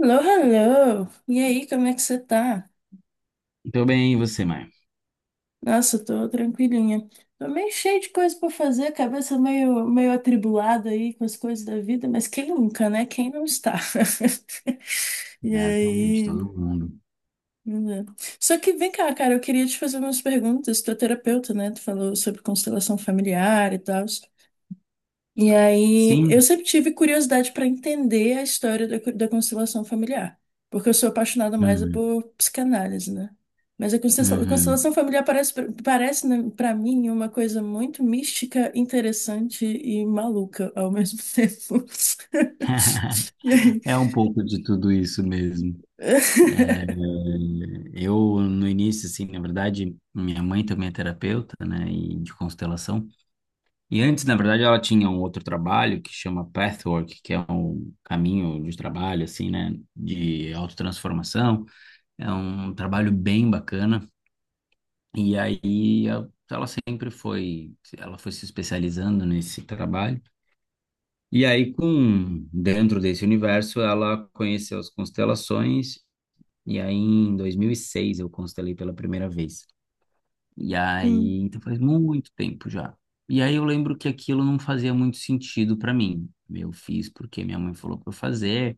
Alô, alô! E aí, como é que você tá? Tô bem, e você, mãe. Nossa, eu tô tranquilinha. Tô meio cheio de coisa pra fazer, cabeça meio atribulada aí com as coisas da vida, mas quem nunca, né? Quem não está? E É, atualmente, aí. todo mundo. Né? Só que vem cá, cara, eu queria te fazer umas perguntas. Tu é terapeuta, né? Tu falou sobre constelação familiar e tal. E aí, eu Sim? sempre tive curiosidade para entender a história da constelação familiar, porque eu sou apaixonada mais Uhum, por psicanálise, né? Mas a constelação, a uhum. constelação familiar parece para mim uma coisa muito mística, interessante e maluca ao mesmo tempo. E aí- É um pouco de tudo isso mesmo. É, eu, no início, assim, na verdade, minha mãe também é terapeuta, né, e de constelação. E antes, na verdade, ela tinha um outro trabalho que chama Pathwork, que é um caminho de trabalho, assim, né, de autotransformação. É um trabalho bem bacana. E aí ela foi se especializando nesse trabalho. E aí com dentro desse universo ela conheceu as constelações e aí em 2006 eu constelei pela primeira vez. E aí, Hum. então faz muito tempo já. E aí eu lembro que aquilo não fazia muito sentido para mim. Eu fiz porque minha mãe falou para eu fazer,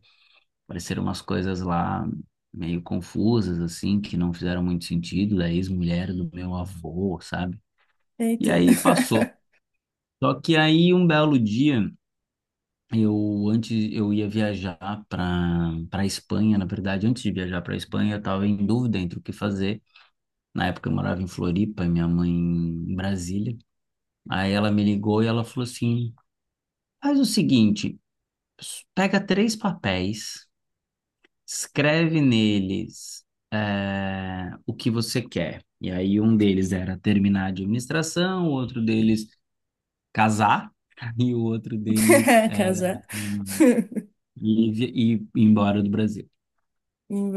pareceram umas coisas lá meio confusas assim, que não fizeram muito sentido, da ex-mulher do meu avô, sabe? E Eita. aí passou. Só que aí um belo dia, eu antes eu ia viajar para Espanha, na verdade, antes de viajar para Espanha, eu estava em dúvida entre o que fazer. Na época eu morava em Floripa e minha mãe em Brasília. Aí ela me ligou e ela falou assim: "Faz o seguinte, pega três papéis, escreve neles o que você quer". E aí um deles era terminar de administração, o outro deles casar e o outro deles Casar. Ir e ir embora do Brasil.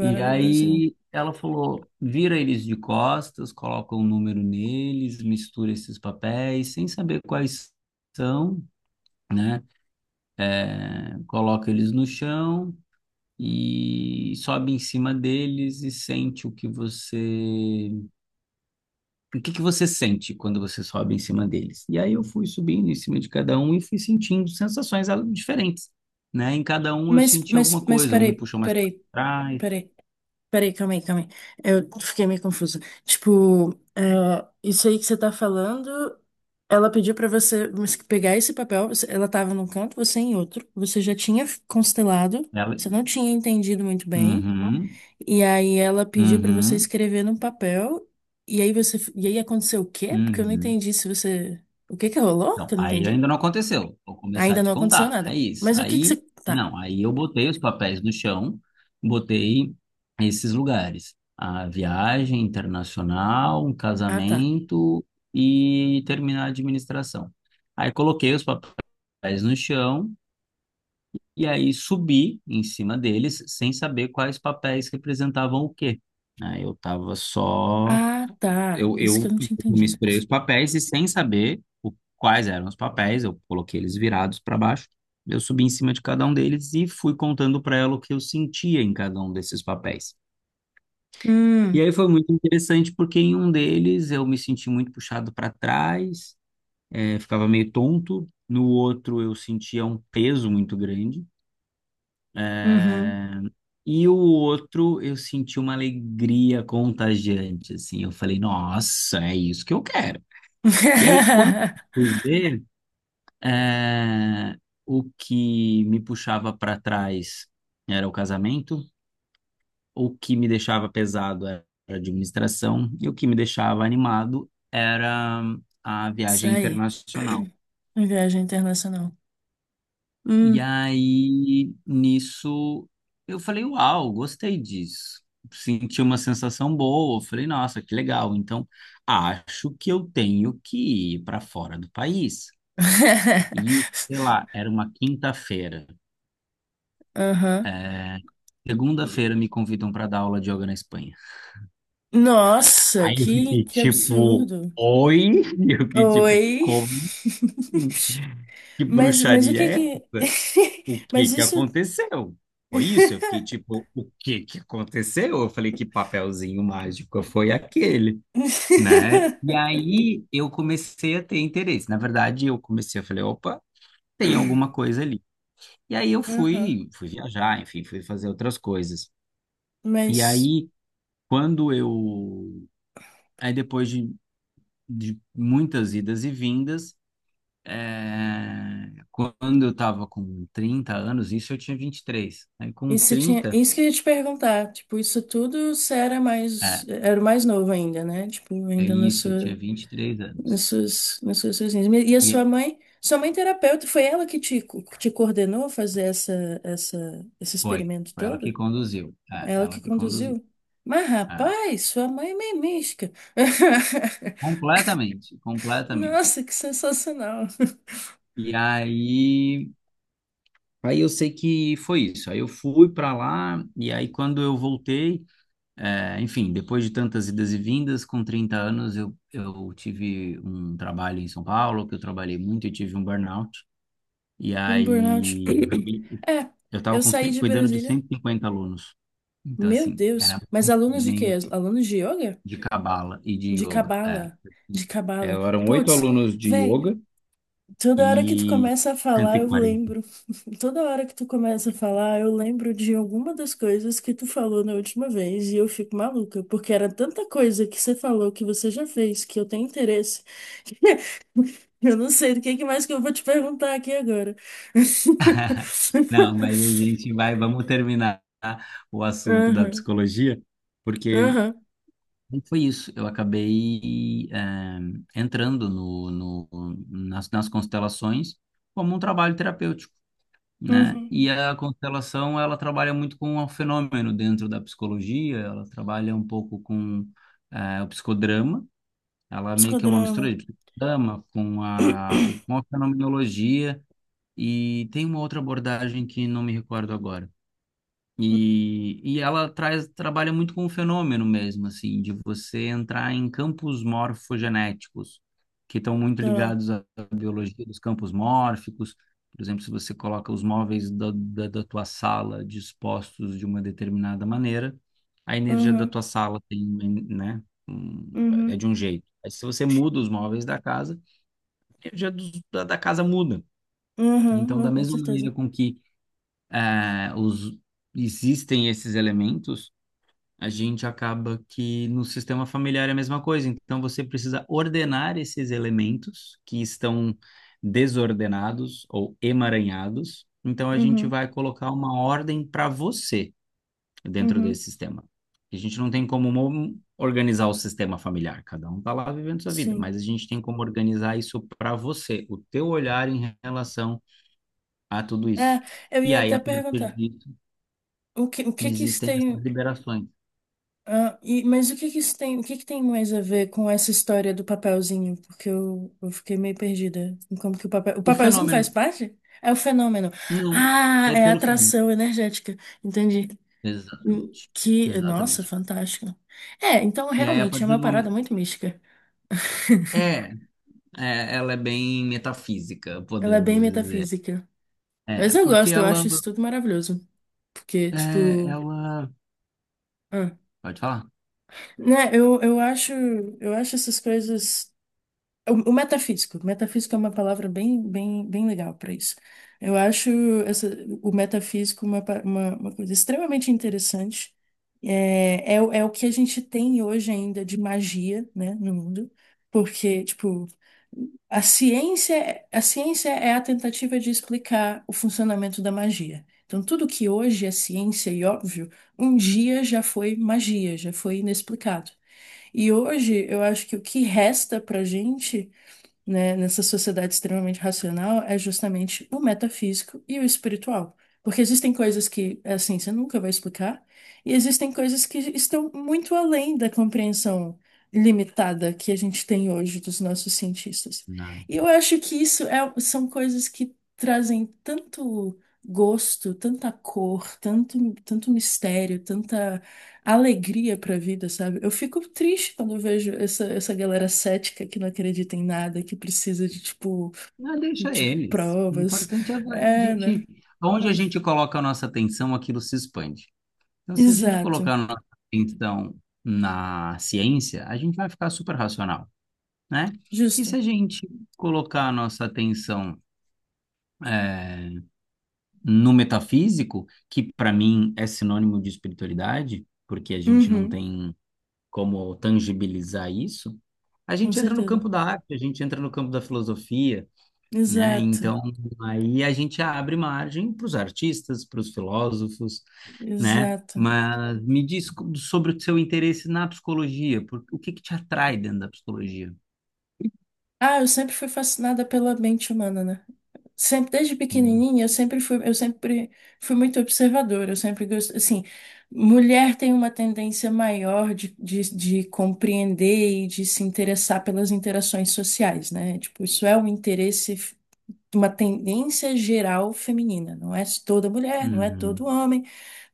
E do Brasil. aí ela falou: vira eles de costas, coloca um número neles, mistura esses papéis, sem saber quais são, né? É, coloca eles no chão e sobe em cima deles e sente o que você. O que que você sente quando você sobe em cima deles? E aí eu fui subindo em cima de cada um e fui sentindo sensações diferentes, né? Em cada um eu Mas, senti alguma mas, mas coisa, um me peraí, puxou mais para peraí, trás. peraí. Peraí, calma aí, calma aí. Eu fiquei meio confusa. Tipo, é, isso aí que você tá falando, ela pediu pra você mas que pegar esse papel, ela tava num canto, você em outro, você já tinha constelado, você não tinha entendido muito bem, Uhum, e aí ela pediu pra você uhum, escrever num papel, e aí você, e aí aconteceu o quê? Porque eu não uhum. entendi se você, o que que rolou? Então, Que eu não aí entendi. ainda não aconteceu. Vou começar a Ainda te não aconteceu contar. É nada. isso. Mas o que que Aí, você, tá. não, aí eu botei os papéis no chão, botei esses lugares. A viagem internacional, um Ah, tá. casamento e terminar a administração. Aí coloquei os papéis no chão e aí subi em cima deles sem saber quais papéis representavam o quê. Né? Eu tava só. Ah, tá. Eu, Isso que eu eu não tinha entendido. misturei os papéis e sem saber quais eram os papéis, eu coloquei eles virados para baixo. Eu subi em cima de cada um deles e fui contando para ela o que eu sentia em cada um desses papéis. E Hum, aí foi muito interessante porque em um deles eu me senti muito puxado para trás, ficava meio tonto. No outro eu sentia um peso muito grande. uhum. eh, E o outro eu senti uma alegria contagiante, assim. Eu falei, nossa, é isso que eu quero. E aí, quando eu fui ver, eh, o que me puxava para trás era o casamento, o que me deixava pesado era a administração, e o que me deixava animado era a Isso viagem aí. internacional. Viagem internacional. E Hum. aí, nisso, eu falei, uau, gostei disso. Senti uma sensação boa, eu falei, nossa, que legal. Então, acho que eu tenho que ir para fora do país. E, sei lá, era uma quinta-feira. Aham. Segunda-feira me convidam para dar aula de yoga na Espanha. Nossa, Aí eu que, fiquei que tipo, absurdo. oi? Eu fiquei tipo, Oi. como assim? Que Mas o bruxaria que é que. essa? O que Mas que isso. aconteceu? Foi isso? Eu fiquei tipo, o que que aconteceu? Eu falei, que papelzinho mágico foi aquele, né? E aí eu comecei a ter interesse. Na verdade, eu falei, opa, tem alguma coisa ali. E aí eu Aham. fui, viajar, enfim, fui fazer outras coisas. E Mas aí quando eu. Aí depois de, muitas idas e vindas, quando eu estava com 30 anos, isso eu tinha 23. Aí com isso tinha. 30, Isso que eu ia te perguntar. Tipo, isso tudo você era mais. é, Era o mais novo ainda, né? Tipo, é ainda na isso, eu tinha sua. 23 nas anos. suas, nas suas sessões. E a sua E mãe, sua mãe terapeuta, foi ela que te coordenou a fazer esse experimento foi ela que todo? conduziu. É, Ela que ela que conduziu. conduziu? Mas, É, rapaz, sua mãe é meio mística. completamente, completamente. Nossa, que sensacional. E aí, eu sei que foi isso. Aí eu fui para lá, e aí quando eu voltei. É, enfim, depois de tantas idas e vindas, com 30 anos eu tive um trabalho em São Paulo, que eu trabalhei muito e tive um burnout. E Tive um burnout. aí, É, eu estava eu saí de cuidando de Brasília. 150 alunos. Então, Meu assim, era Deus. Mas muita alunos de quê? gente Alunos de yoga? de cabala e de De yoga. É. cabala. De É, cabala. eram oito Putz, alunos de velho. yoga Toda hora que tu e começa a cento falar, e eu quarenta lembro. Toda hora que tu começa a falar, eu lembro de alguma das coisas que tu falou na última vez e eu fico maluca, porque era tanta coisa que você falou que você já fez que eu tenho interesse. Eu não sei do que mais que eu vou te perguntar aqui agora. Não, mas a gente vai, vamos terminar o assunto da Aham, psicologia, porque aham, foi isso, eu acabei entrando nas constelações como um trabalho terapêutico, né? uhum. E a constelação, ela trabalha muito com o fenômeno dentro da psicologia, ela trabalha um pouco com o psicodrama, ela meio que é uma mistura Psicodrama. de psicodrama com com a fenomenologia e tem uma outra abordagem que não me recordo agora. E, ela trabalha muito com o fenômeno mesmo, assim, de você entrar em campos morfogenéticos, que estão muito Tá. ligados à biologia dos campos mórficos. Por exemplo, se você coloca os móveis da tua sala dispostos de uma determinada maneira, a energia da Uhum, tua sala tem, né, é uhum, de um jeito. Aí, se você muda os móveis da casa, a energia da casa muda. uhum. Então, Não, da com mesma certeza. maneira com que eh, os, existem esses elementos, a gente acaba que no sistema familiar é a mesma coisa. Então você precisa ordenar esses elementos que estão desordenados ou emaranhados. Então a gente Uhum, vai colocar uma ordem para você dentro uhum. desse sistema. A gente não tem como organizar o sistema familiar, cada um está lá vivendo sua vida, Sim. mas a gente tem como organizar isso para você, o teu olhar em relação a tudo É, isso. eu E ia aí, até a partir perguntar. disso, O que que isso existem essas tem. liberações. Ah, mas o que que isso tem, o que que tem mais a ver com essa história do papelzinho? Porque eu fiquei meio perdida em como que o papel, o O papelzinho fenômeno. faz parte? É o fenômeno. Não, Ah, é é a pelo frango. atração energética. Entendi. Hum. Exatamente. Que, nossa, Exatamente. fantástico! É, então E aí, a realmente é partir uma do parada momento. muito mística. É, ela é bem metafísica, Ela é podemos bem dizer. metafísica. É, Mas eu porque gosto, eu ela. acho isso tudo maravilhoso. Porque, É, tipo. ela. Ah. Pode falar? Né, eu acho essas coisas. O metafísico. Metafísico é uma palavra bem, bem, bem legal para isso. Eu acho essa- o metafísico uma coisa extremamente interessante. É o que a gente tem hoje ainda de magia, né, no mundo. Porque, tipo, a ciência é a tentativa de explicar o funcionamento da magia. Então, tudo que hoje é ciência e óbvio, um dia já foi magia, já foi inexplicado. E hoje, eu acho que o que resta pra gente, né, nessa sociedade extremamente racional é justamente o metafísico e o espiritual. Porque existem coisas que a ciência nunca vai explicar, e existem coisas que estão muito além da compreensão limitada que a gente tem hoje dos nossos cientistas. Não. E eu acho que isso são coisas que trazem tanto gosto, tanta cor, tanto, tanto mistério, alegria para a vida, sabe? Eu fico triste quando eu vejo essa, essa galera cética que não acredita em nada, que precisa de tipo, Não, deixa tipo eles. O provas. importante é a É, né? gente. Onde a gente coloca a nossa atenção, aquilo se expande. Então, se a gente Exato. colocar a nossa atenção na ciência, a gente vai ficar super racional, né? E se Justo. a gente colocar a nossa atenção. é, no metafísico, que para mim é sinônimo de espiritualidade, porque a gente não Uhum. tem como tangibilizar isso, a Com gente entra no certeza. campo da arte, a gente entra no campo da filosofia, né? Exato. Então, aí a gente abre margem para os artistas, para os filósofos, né? Exato. Mas me diz sobre o seu interesse na psicologia, o que que te atrai dentro da psicologia? Ah, eu sempre fui fascinada pela mente humana, né? Sempre, desde Hum, pequenininha, eu sempre fui muito observadora, eu sempre gosto, assim, mulher tem uma tendência maior de compreender e de se interessar pelas interações sociais, né? Tipo, isso é um interesse, uma tendência geral feminina, não é toda mulher, não é todo uhum, homem,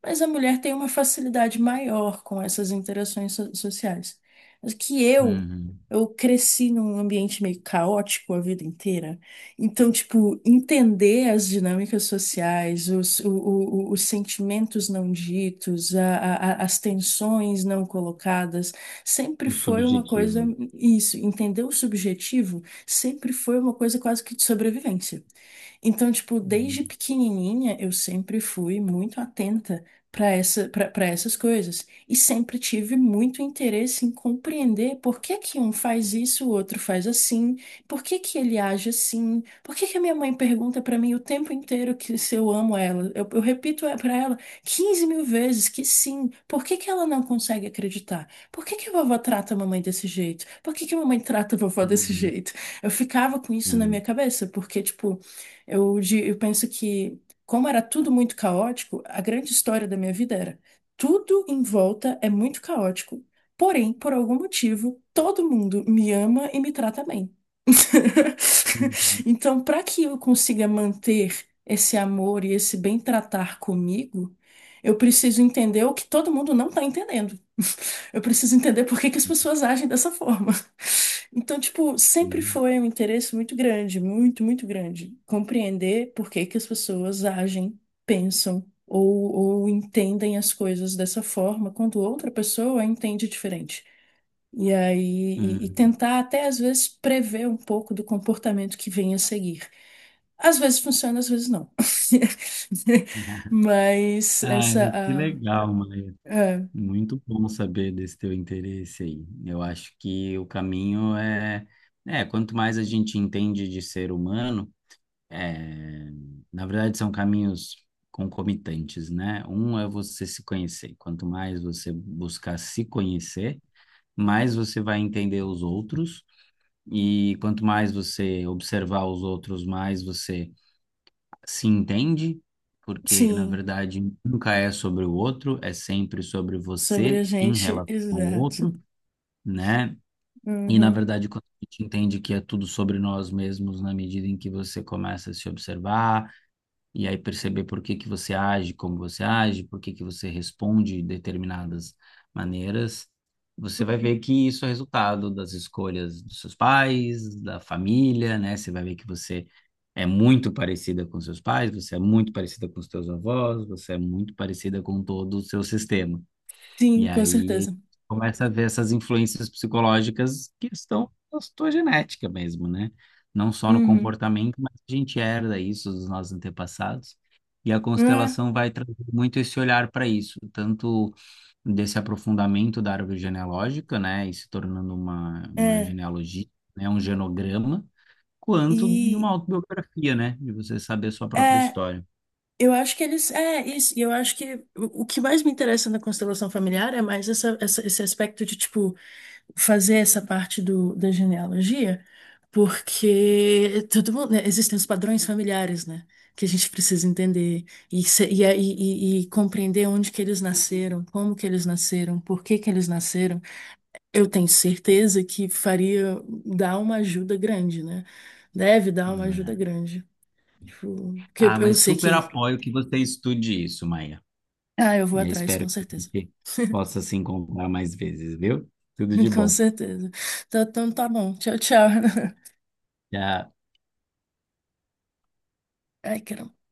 mas a mulher tem uma facilidade maior com essas interações sociais. Mas que uhum. eu cresci num ambiente meio caótico a vida inteira. Então, tipo, entender as dinâmicas sociais, os, o- os sentimentos não ditos, as tensões não colocadas, sempre O foi uma coisa, subjetivo. isso, entender o subjetivo sempre foi uma coisa quase que de sobrevivência. Então, tipo, Uhum, desde pequenininha eu sempre fui muito atenta para essa, para essas coisas e sempre tive muito interesse em compreender por que que um faz isso, o outro faz assim, por que que ele age assim, por que que a minha mãe pergunta para mim o tempo inteiro que se eu amo ela. Eu repito para ela 15 mil vezes que sim, por que que ela não consegue acreditar? Por que que a vovó trata a mamãe desse jeito? Por que que a mamãe trata a vovó desse uhum, jeito? Eu ficava com isso na minha cabeça, porque, tipo, eu penso que, como era tudo muito caótico, a grande história da minha vida era tudo em volta é muito caótico, porém, por algum motivo, todo mundo me ama e me trata bem. uhum. Então, para que eu consiga manter esse amor e esse bem tratar comigo, eu preciso entender o que todo mundo não está entendendo. Eu preciso entender por que que as pessoas agem dessa forma. Então, tipo, sempre Hum, foi um interesse muito grande, muito, muito grande, compreender por que que as pessoas agem, pensam ou entendem as coisas dessa forma quando outra pessoa entende diferente. E aí, e hum. tentar até às vezes prever um pouco do comportamento que vem a seguir. Às vezes funciona, às vezes não. Mas Ah, mas que legal, Maia. ah, Muito bom saber desse teu interesse aí. Eu acho que o caminho é, quanto mais a gente entende de ser humano, é, na verdade são caminhos concomitantes, né? Um é você se conhecer. Quanto mais você buscar se conhecer, mais você vai entender os outros. E quanto mais você observar os outros, mais você se entende, porque na sim, verdade nunca é sobre o outro, é sempre sobre sobre você a em gente, relação ao exato. outro, né? E na Uhum. verdade, quando a gente entende que é tudo sobre nós mesmos, na medida em que você começa a se observar, e aí perceber por que que você age, como você age, por que que você responde de determinadas maneiras, você vai ver que isso é resultado das escolhas dos seus pais, da família, né? Você vai ver que você é muito parecida com seus pais, você é muito parecida com os seus avós, você é muito parecida com todo o seu sistema. E Sim, com aí certeza. começa a ver essas influências psicológicas que estão na sua genética mesmo, né? Não só no Uhum. comportamento, mas a gente herda isso dos nossos antepassados. E a constelação vai trazer muito esse olhar para isso, tanto desse aprofundamento da árvore genealógica, né, e se tornando uma, É, é. genealogia, né, um genograma, quanto de E uma autobiografia, né, de você saber a sua própria é, história. eu acho que eles. É, isso. E eu acho que o que mais me interessa na constelação familiar é mais esse aspecto de, tipo, fazer essa parte da genealogia, porque todo mundo, né, existem os padrões familiares, né? Que a gente precisa entender e compreender onde que eles nasceram, como que eles nasceram, por que que eles nasceram. Eu tenho certeza que faria dar uma ajuda grande, né? Deve dar uma ajuda Né? grande. Tipo, que eu, Ah, eu mas sei super que. apoio que você estude isso, Maia. Ah, eu vou E eu atrás, espero com que a certeza. gente possa se encontrar mais vezes, viu? Tudo de Com bom. certeza. Então, então tá bom. Tchau, tchau. Tchau. Ai, caramba.